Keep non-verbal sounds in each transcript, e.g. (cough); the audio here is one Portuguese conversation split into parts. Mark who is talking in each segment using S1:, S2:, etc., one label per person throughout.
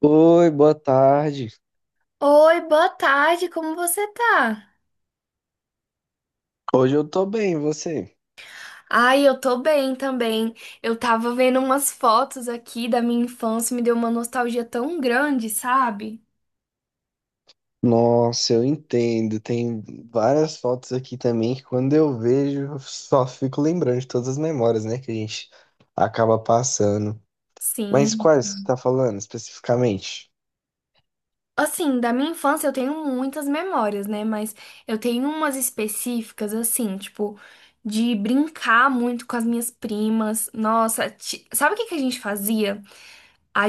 S1: Oi, boa tarde.
S2: Oi, boa tarde, como você tá?
S1: Hoje eu tô bem, e você?
S2: Ai, eu tô bem também. Eu tava vendo umas fotos aqui da minha infância, me deu uma nostalgia tão grande, sabe?
S1: Nossa, eu entendo. Tem várias fotos aqui também que quando eu vejo, eu só fico lembrando de todas as memórias, né, que a gente acaba passando. Mas
S2: Sim.
S1: quais que você tá falando especificamente?
S2: Assim, da minha infância eu tenho muitas memórias, né? Mas eu tenho umas específicas, assim, tipo, de brincar muito com as minhas primas. Nossa, sabe o que que a gente fazia? A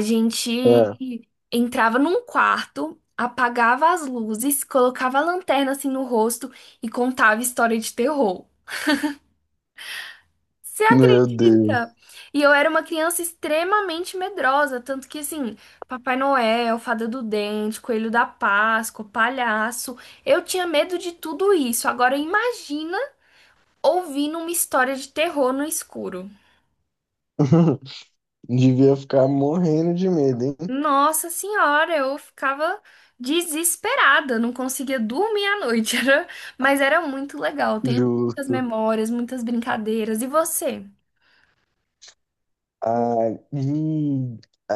S1: É,
S2: gente entrava num quarto, apagava as luzes, colocava a lanterna assim no rosto e contava história de terror. Você
S1: meu Deus.
S2: acredita? E eu era uma criança extremamente medrosa, tanto que assim, Papai Noel, Fada do Dente, Coelho da Páscoa, palhaço, eu tinha medo de tudo isso. Agora imagina ouvindo uma história de terror no escuro.
S1: (laughs) Devia ficar morrendo de medo, hein?
S2: Nossa senhora, eu ficava desesperada, não conseguia dormir à noite, (laughs) era... mas era muito legal. Tenho muitas
S1: Justo.
S2: memórias, muitas brincadeiras. E você?
S1: Ah, e a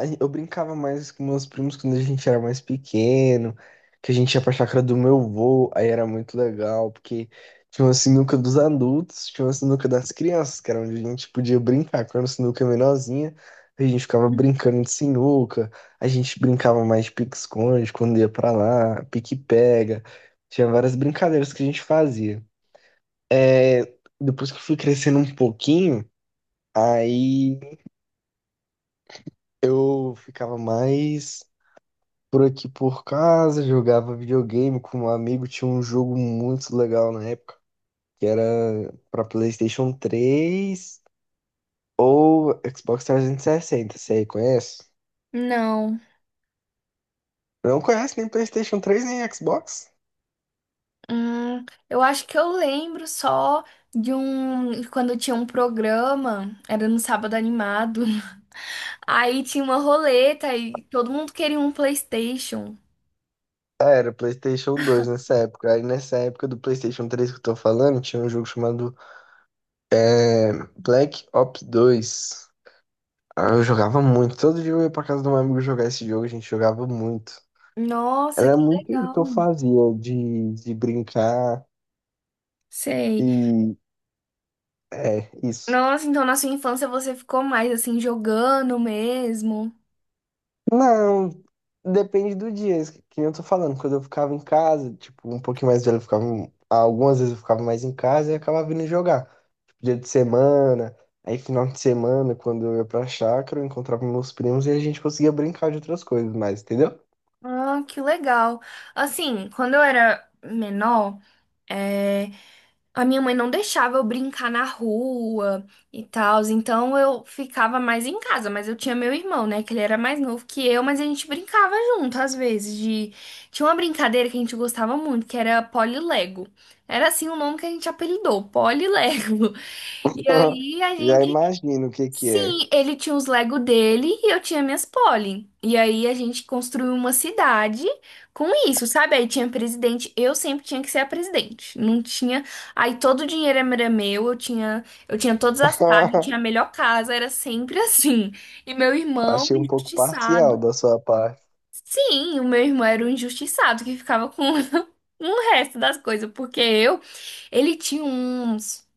S1: gen- eu brincava mais com meus primos quando a gente era mais pequeno, que a gente ia pra chácara do meu avô, aí era muito legal, porque tinha uma sinuca dos adultos, tinha uma sinuca das crianças, que era onde a gente podia brincar. Quando a sinuca é menorzinha, a gente ficava brincando de sinuca, a gente brincava mais de pique-esconde quando ia pra lá, pique-pega, tinha várias brincadeiras que a gente fazia. É... Depois que eu fui crescendo um pouquinho, aí. Eu ficava mais por aqui por casa, jogava videogame com um amigo, tinha um jogo muito legal na época, que era pra PlayStation 3 ou Xbox 360, você aí conhece?
S2: Não.
S1: Não conhece nem PlayStation 3 nem Xbox?
S2: Eu acho que eu lembro só de um. Quando tinha um programa, era no sábado animado. (laughs) Aí tinha uma roleta e todo mundo queria um PlayStation.
S1: Ah, era PlayStation 2 nessa época. Aí nessa época do PlayStation 3 que eu tô falando, tinha um jogo chamado Black Ops 2. Ah, eu jogava muito. Todo dia eu ia pra casa do meu amigo jogar esse jogo, a gente jogava muito.
S2: Nossa,
S1: Era
S2: que
S1: muito isso que
S2: legal.
S1: eu fazia de brincar
S2: Sei.
S1: e é isso.
S2: Nossa, então na sua infância você ficou mais assim jogando mesmo.
S1: Não, depende do dia, que nem eu tô falando. Quando eu ficava em casa, tipo, um pouquinho mais velho, eu ficava. Algumas vezes eu ficava mais em casa e acabava vindo jogar. Tipo, dia de semana, aí final de semana, quando eu ia pra chácara, eu encontrava meus primos e a gente conseguia brincar de outras coisas mais, entendeu?
S2: Ah, que legal. Assim, quando eu era menor, é, a minha mãe não deixava eu brincar na rua e tal, então eu ficava mais em casa, mas eu tinha meu irmão, né, que ele era mais novo que eu, mas a gente brincava junto às vezes de tinha uma brincadeira que a gente gostava muito, que era Polilego. Era assim o nome que a gente apelidou, Polilego. (laughs) E
S1: (laughs)
S2: aí a
S1: Já
S2: gente
S1: imagino o que que é.
S2: Sim, ele tinha os Lego dele e eu tinha minhas Polly. E aí a gente construiu uma cidade com isso, sabe? Aí tinha presidente, eu sempre tinha que ser a presidente. Não tinha, aí todo o dinheiro era meu, eu tinha todas as casas, eu tinha a
S1: (laughs)
S2: melhor casa, era sempre (laughs) assim. E meu irmão,
S1: Achei um pouco parcial
S2: injustiçado.
S1: da sua parte.
S2: Sim, o meu irmão era o injustiçado que ficava com (laughs) o resto das coisas, porque eu, ele tinha uns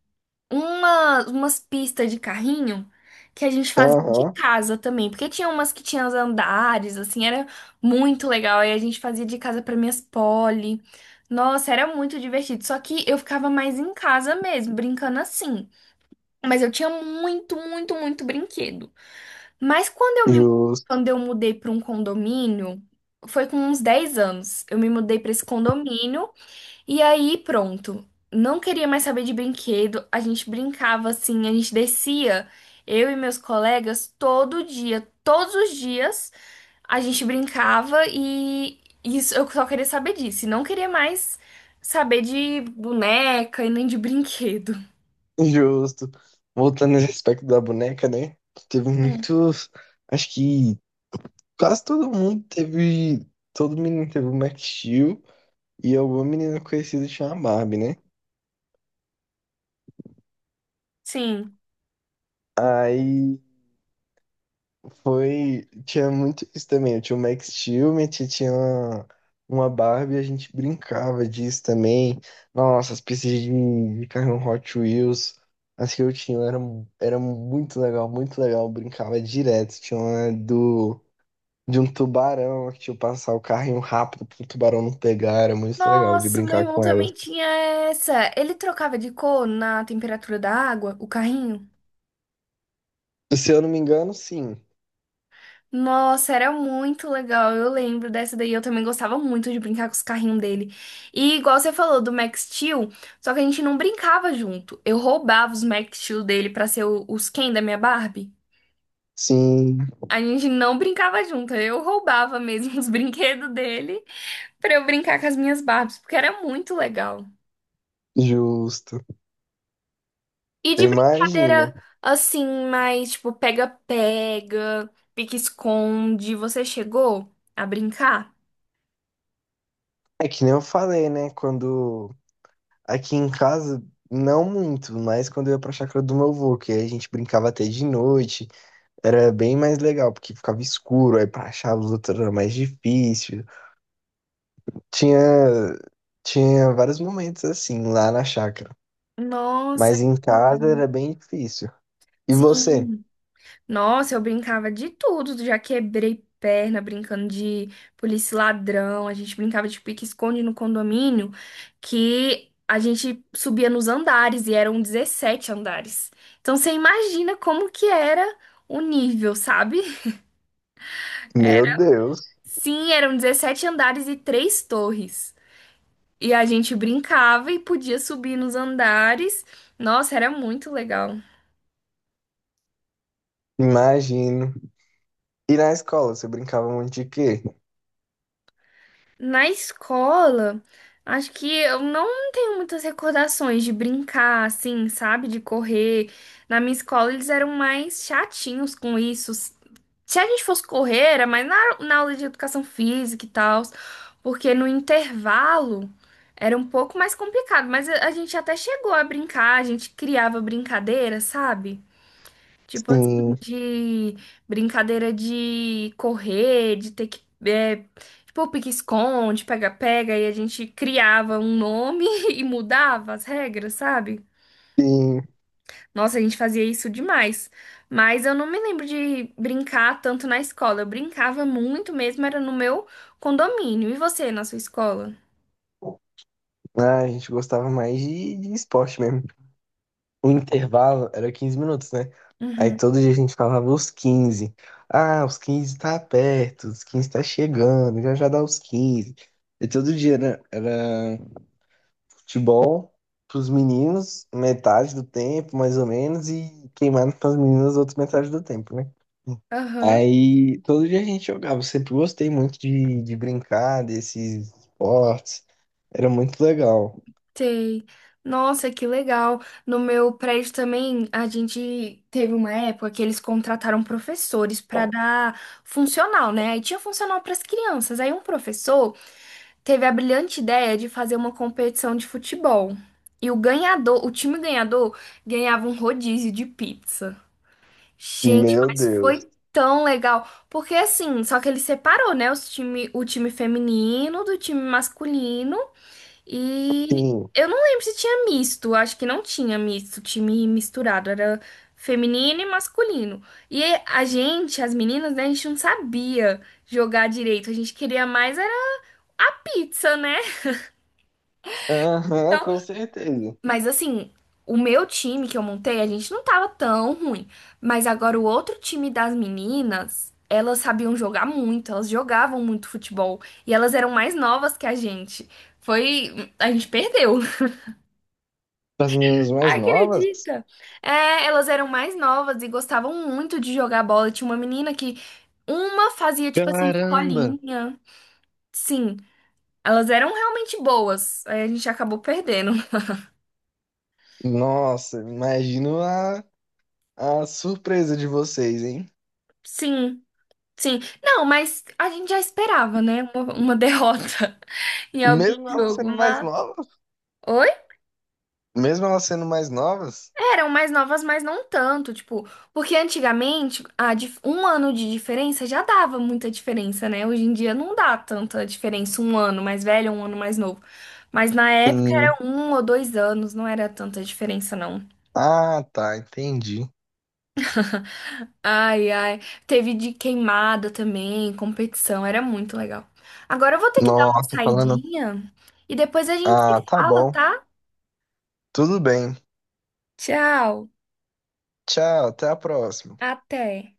S2: umas pistas de carrinho que a gente fazia de
S1: Aham,
S2: casa também, porque tinha umas que tinham os andares, assim, era muito legal. Aí a gente fazia de casa para minhas poli. Nossa, era muito divertido. Só que eu ficava mais em casa mesmo, brincando assim. Mas eu tinha muito, muito, muito brinquedo. Mas
S1: justo.
S2: quando eu mudei para um condomínio, foi com uns 10 anos. Eu me mudei para esse condomínio e aí, pronto. Não queria mais saber de brinquedo. A gente brincava assim, a gente descia, eu e meus colegas, todo dia, todos os dias, a gente brincava e isso eu só queria saber disso. E não queria mais saber de boneca e nem de brinquedo.
S1: Justo. Voltando nesse aspecto da boneca, né? Teve
S2: Hum,
S1: muitos. Acho que quase todo mundo teve. Todo menino teve o Max Steel e alguma menina conhecida tinha uma Barbie, né?
S2: Sim.
S1: Aí foi. Tinha muito isso também. Eu tinha o Max Steel, minha tia tinha uma Barbie, a gente brincava disso também. Nossa, as pistas de carrinho Hot Wheels. As que eu tinha era muito legal, muito legal. Eu brincava direto. Tinha uma do. De um tubarão, que tipo, passar o carrinho rápido pro tubarão não pegar, era muito legal de
S2: Nossa, meu
S1: brincar
S2: irmão
S1: com elas.
S2: também tinha essa. Ele trocava de cor na temperatura da água, o carrinho.
S1: Se eu não me engano, sim.
S2: Nossa, era muito legal. Eu lembro dessa daí. Eu também gostava muito de brincar com os carrinhos dele. E igual você falou do Max Steel, só que a gente não brincava junto. Eu roubava os Max Steel dele pra ser o- os Ken da minha Barbie.
S1: Sim,
S2: A gente não brincava junto. Eu roubava mesmo (laughs) os brinquedos dele pra eu brincar com as minhas Barbies, porque era muito legal.
S1: justo.
S2: E
S1: Eu
S2: de
S1: imagino.
S2: brincadeira assim, mais tipo pega-pega, pique-esconde, você chegou a brincar?
S1: É que nem eu falei, né? Quando aqui em casa, não muito, mas quando eu ia pra chácara do meu avô, que aí a gente brincava até de noite, era bem mais legal, porque ficava escuro, aí pra achar a luz era mais difícil. Tinha, tinha vários momentos assim lá na chácara,
S2: Nossa,
S1: mas
S2: que
S1: em casa
S2: legal.
S1: era bem difícil. E você?
S2: Sim. Nossa, eu brincava de tudo. Já quebrei perna brincando de polícia e ladrão. A gente brincava de pique-esconde no condomínio, que a gente subia nos andares e eram 17 andares. Então você imagina como que era o nível, sabe?
S1: Meu Deus,
S2: Sim, eram 17 andares e três torres. E a gente brincava e podia subir nos andares. Nossa, era muito legal.
S1: imagino. E na escola, você brincava muito de quê?
S2: Na escola, acho que eu não tenho muitas recordações de brincar, assim, sabe? De correr. Na minha escola, eles eram mais chatinhos com isso. Se a gente fosse correr, era mais na aula de educação física e tal, porque no intervalo era um pouco mais complicado, mas a gente até chegou a brincar, a gente criava brincadeira, sabe? Tipo assim,
S1: Sim,
S2: de brincadeira de correr, de ter que. É, tipo, pique-esconde, pega-pega, e a gente criava um nome (laughs) e mudava as regras, sabe?
S1: sim.
S2: Nossa, a gente fazia isso demais. Mas eu não me lembro de brincar tanto na escola. Eu brincava muito mesmo, era no meu condomínio. E você, na sua escola?
S1: Ah, a gente gostava mais de esporte mesmo. O intervalo era 15 minutos, né? Aí
S2: Uhum.
S1: todo dia a gente falava os 15. Ah, os 15 tá perto, os 15 tá chegando, já já dá os 15. E todo dia era futebol pros meninos, metade do tempo, mais ou menos, e queimado pras meninas, outra metade do tempo, né?
S2: Aham.
S1: Aí todo dia a gente jogava. Eu sempre gostei muito de brincar desses esportes. Era muito legal.
S2: Sei. Nossa, que legal. No meu prédio também, a gente teve uma época que eles contrataram professores para dar funcional, né? Aí tinha funcional para as crianças. Aí um professor teve a brilhante ideia de fazer uma competição de futebol. E o ganhador, o time ganhador, ganhava um rodízio de pizza. Gente,
S1: Meu
S2: mas
S1: Deus.
S2: foi tão legal. Porque assim, só que ele separou, né, os time, o time feminino do time masculino. E
S1: Sim.
S2: eu não lembro se tinha misto, acho que não tinha misto, time misturado, era feminino e masculino. E a gente, as meninas, né, a gente não sabia jogar direito, a gente queria mais era a pizza, né?
S1: Aham,
S2: Então,
S1: com certeza.
S2: mas assim, o meu time que eu montei, a gente não tava tão ruim, mas agora o outro time das meninas, elas sabiam jogar muito, elas jogavam muito futebol e elas eram mais novas que a gente. Foi, a gente perdeu.
S1: Para as meninas mais novas?
S2: Acredita? É, elas eram mais novas e gostavam muito de jogar bola. Tinha uma menina que uma fazia tipo assim,
S1: Caramba!
S2: escolinha. Sim, elas eram realmente boas. Aí a gente acabou perdendo.
S1: Nossa, imagino a surpresa de vocês, hein?
S2: Sim, sim. Não, mas a gente já esperava, né? Uma derrota (laughs) em algum
S1: Mesmo elas
S2: jogo,
S1: sendo mais
S2: mas.
S1: novas?
S2: Oi?
S1: Mesmo elas sendo mais novas?
S2: Eram mais novas, mas não tanto, tipo, porque antigamente a um ano de diferença já dava muita diferença, né? Hoje em dia não dá tanta diferença, um ano mais velho, um ano mais novo. Mas na época
S1: Sim.
S2: era um ou 2 anos, não era tanta diferença, não.
S1: Ah, tá, entendi.
S2: Ai, ai. Teve de queimada também, competição, era muito legal. Agora eu vou ter que dar uma
S1: Nossa, falando.
S2: saidinha e depois a gente
S1: Ah,
S2: se
S1: tá
S2: fala,
S1: bom.
S2: tá?
S1: Tudo bem.
S2: Tchau,
S1: Tchau, até a próxima.
S2: até.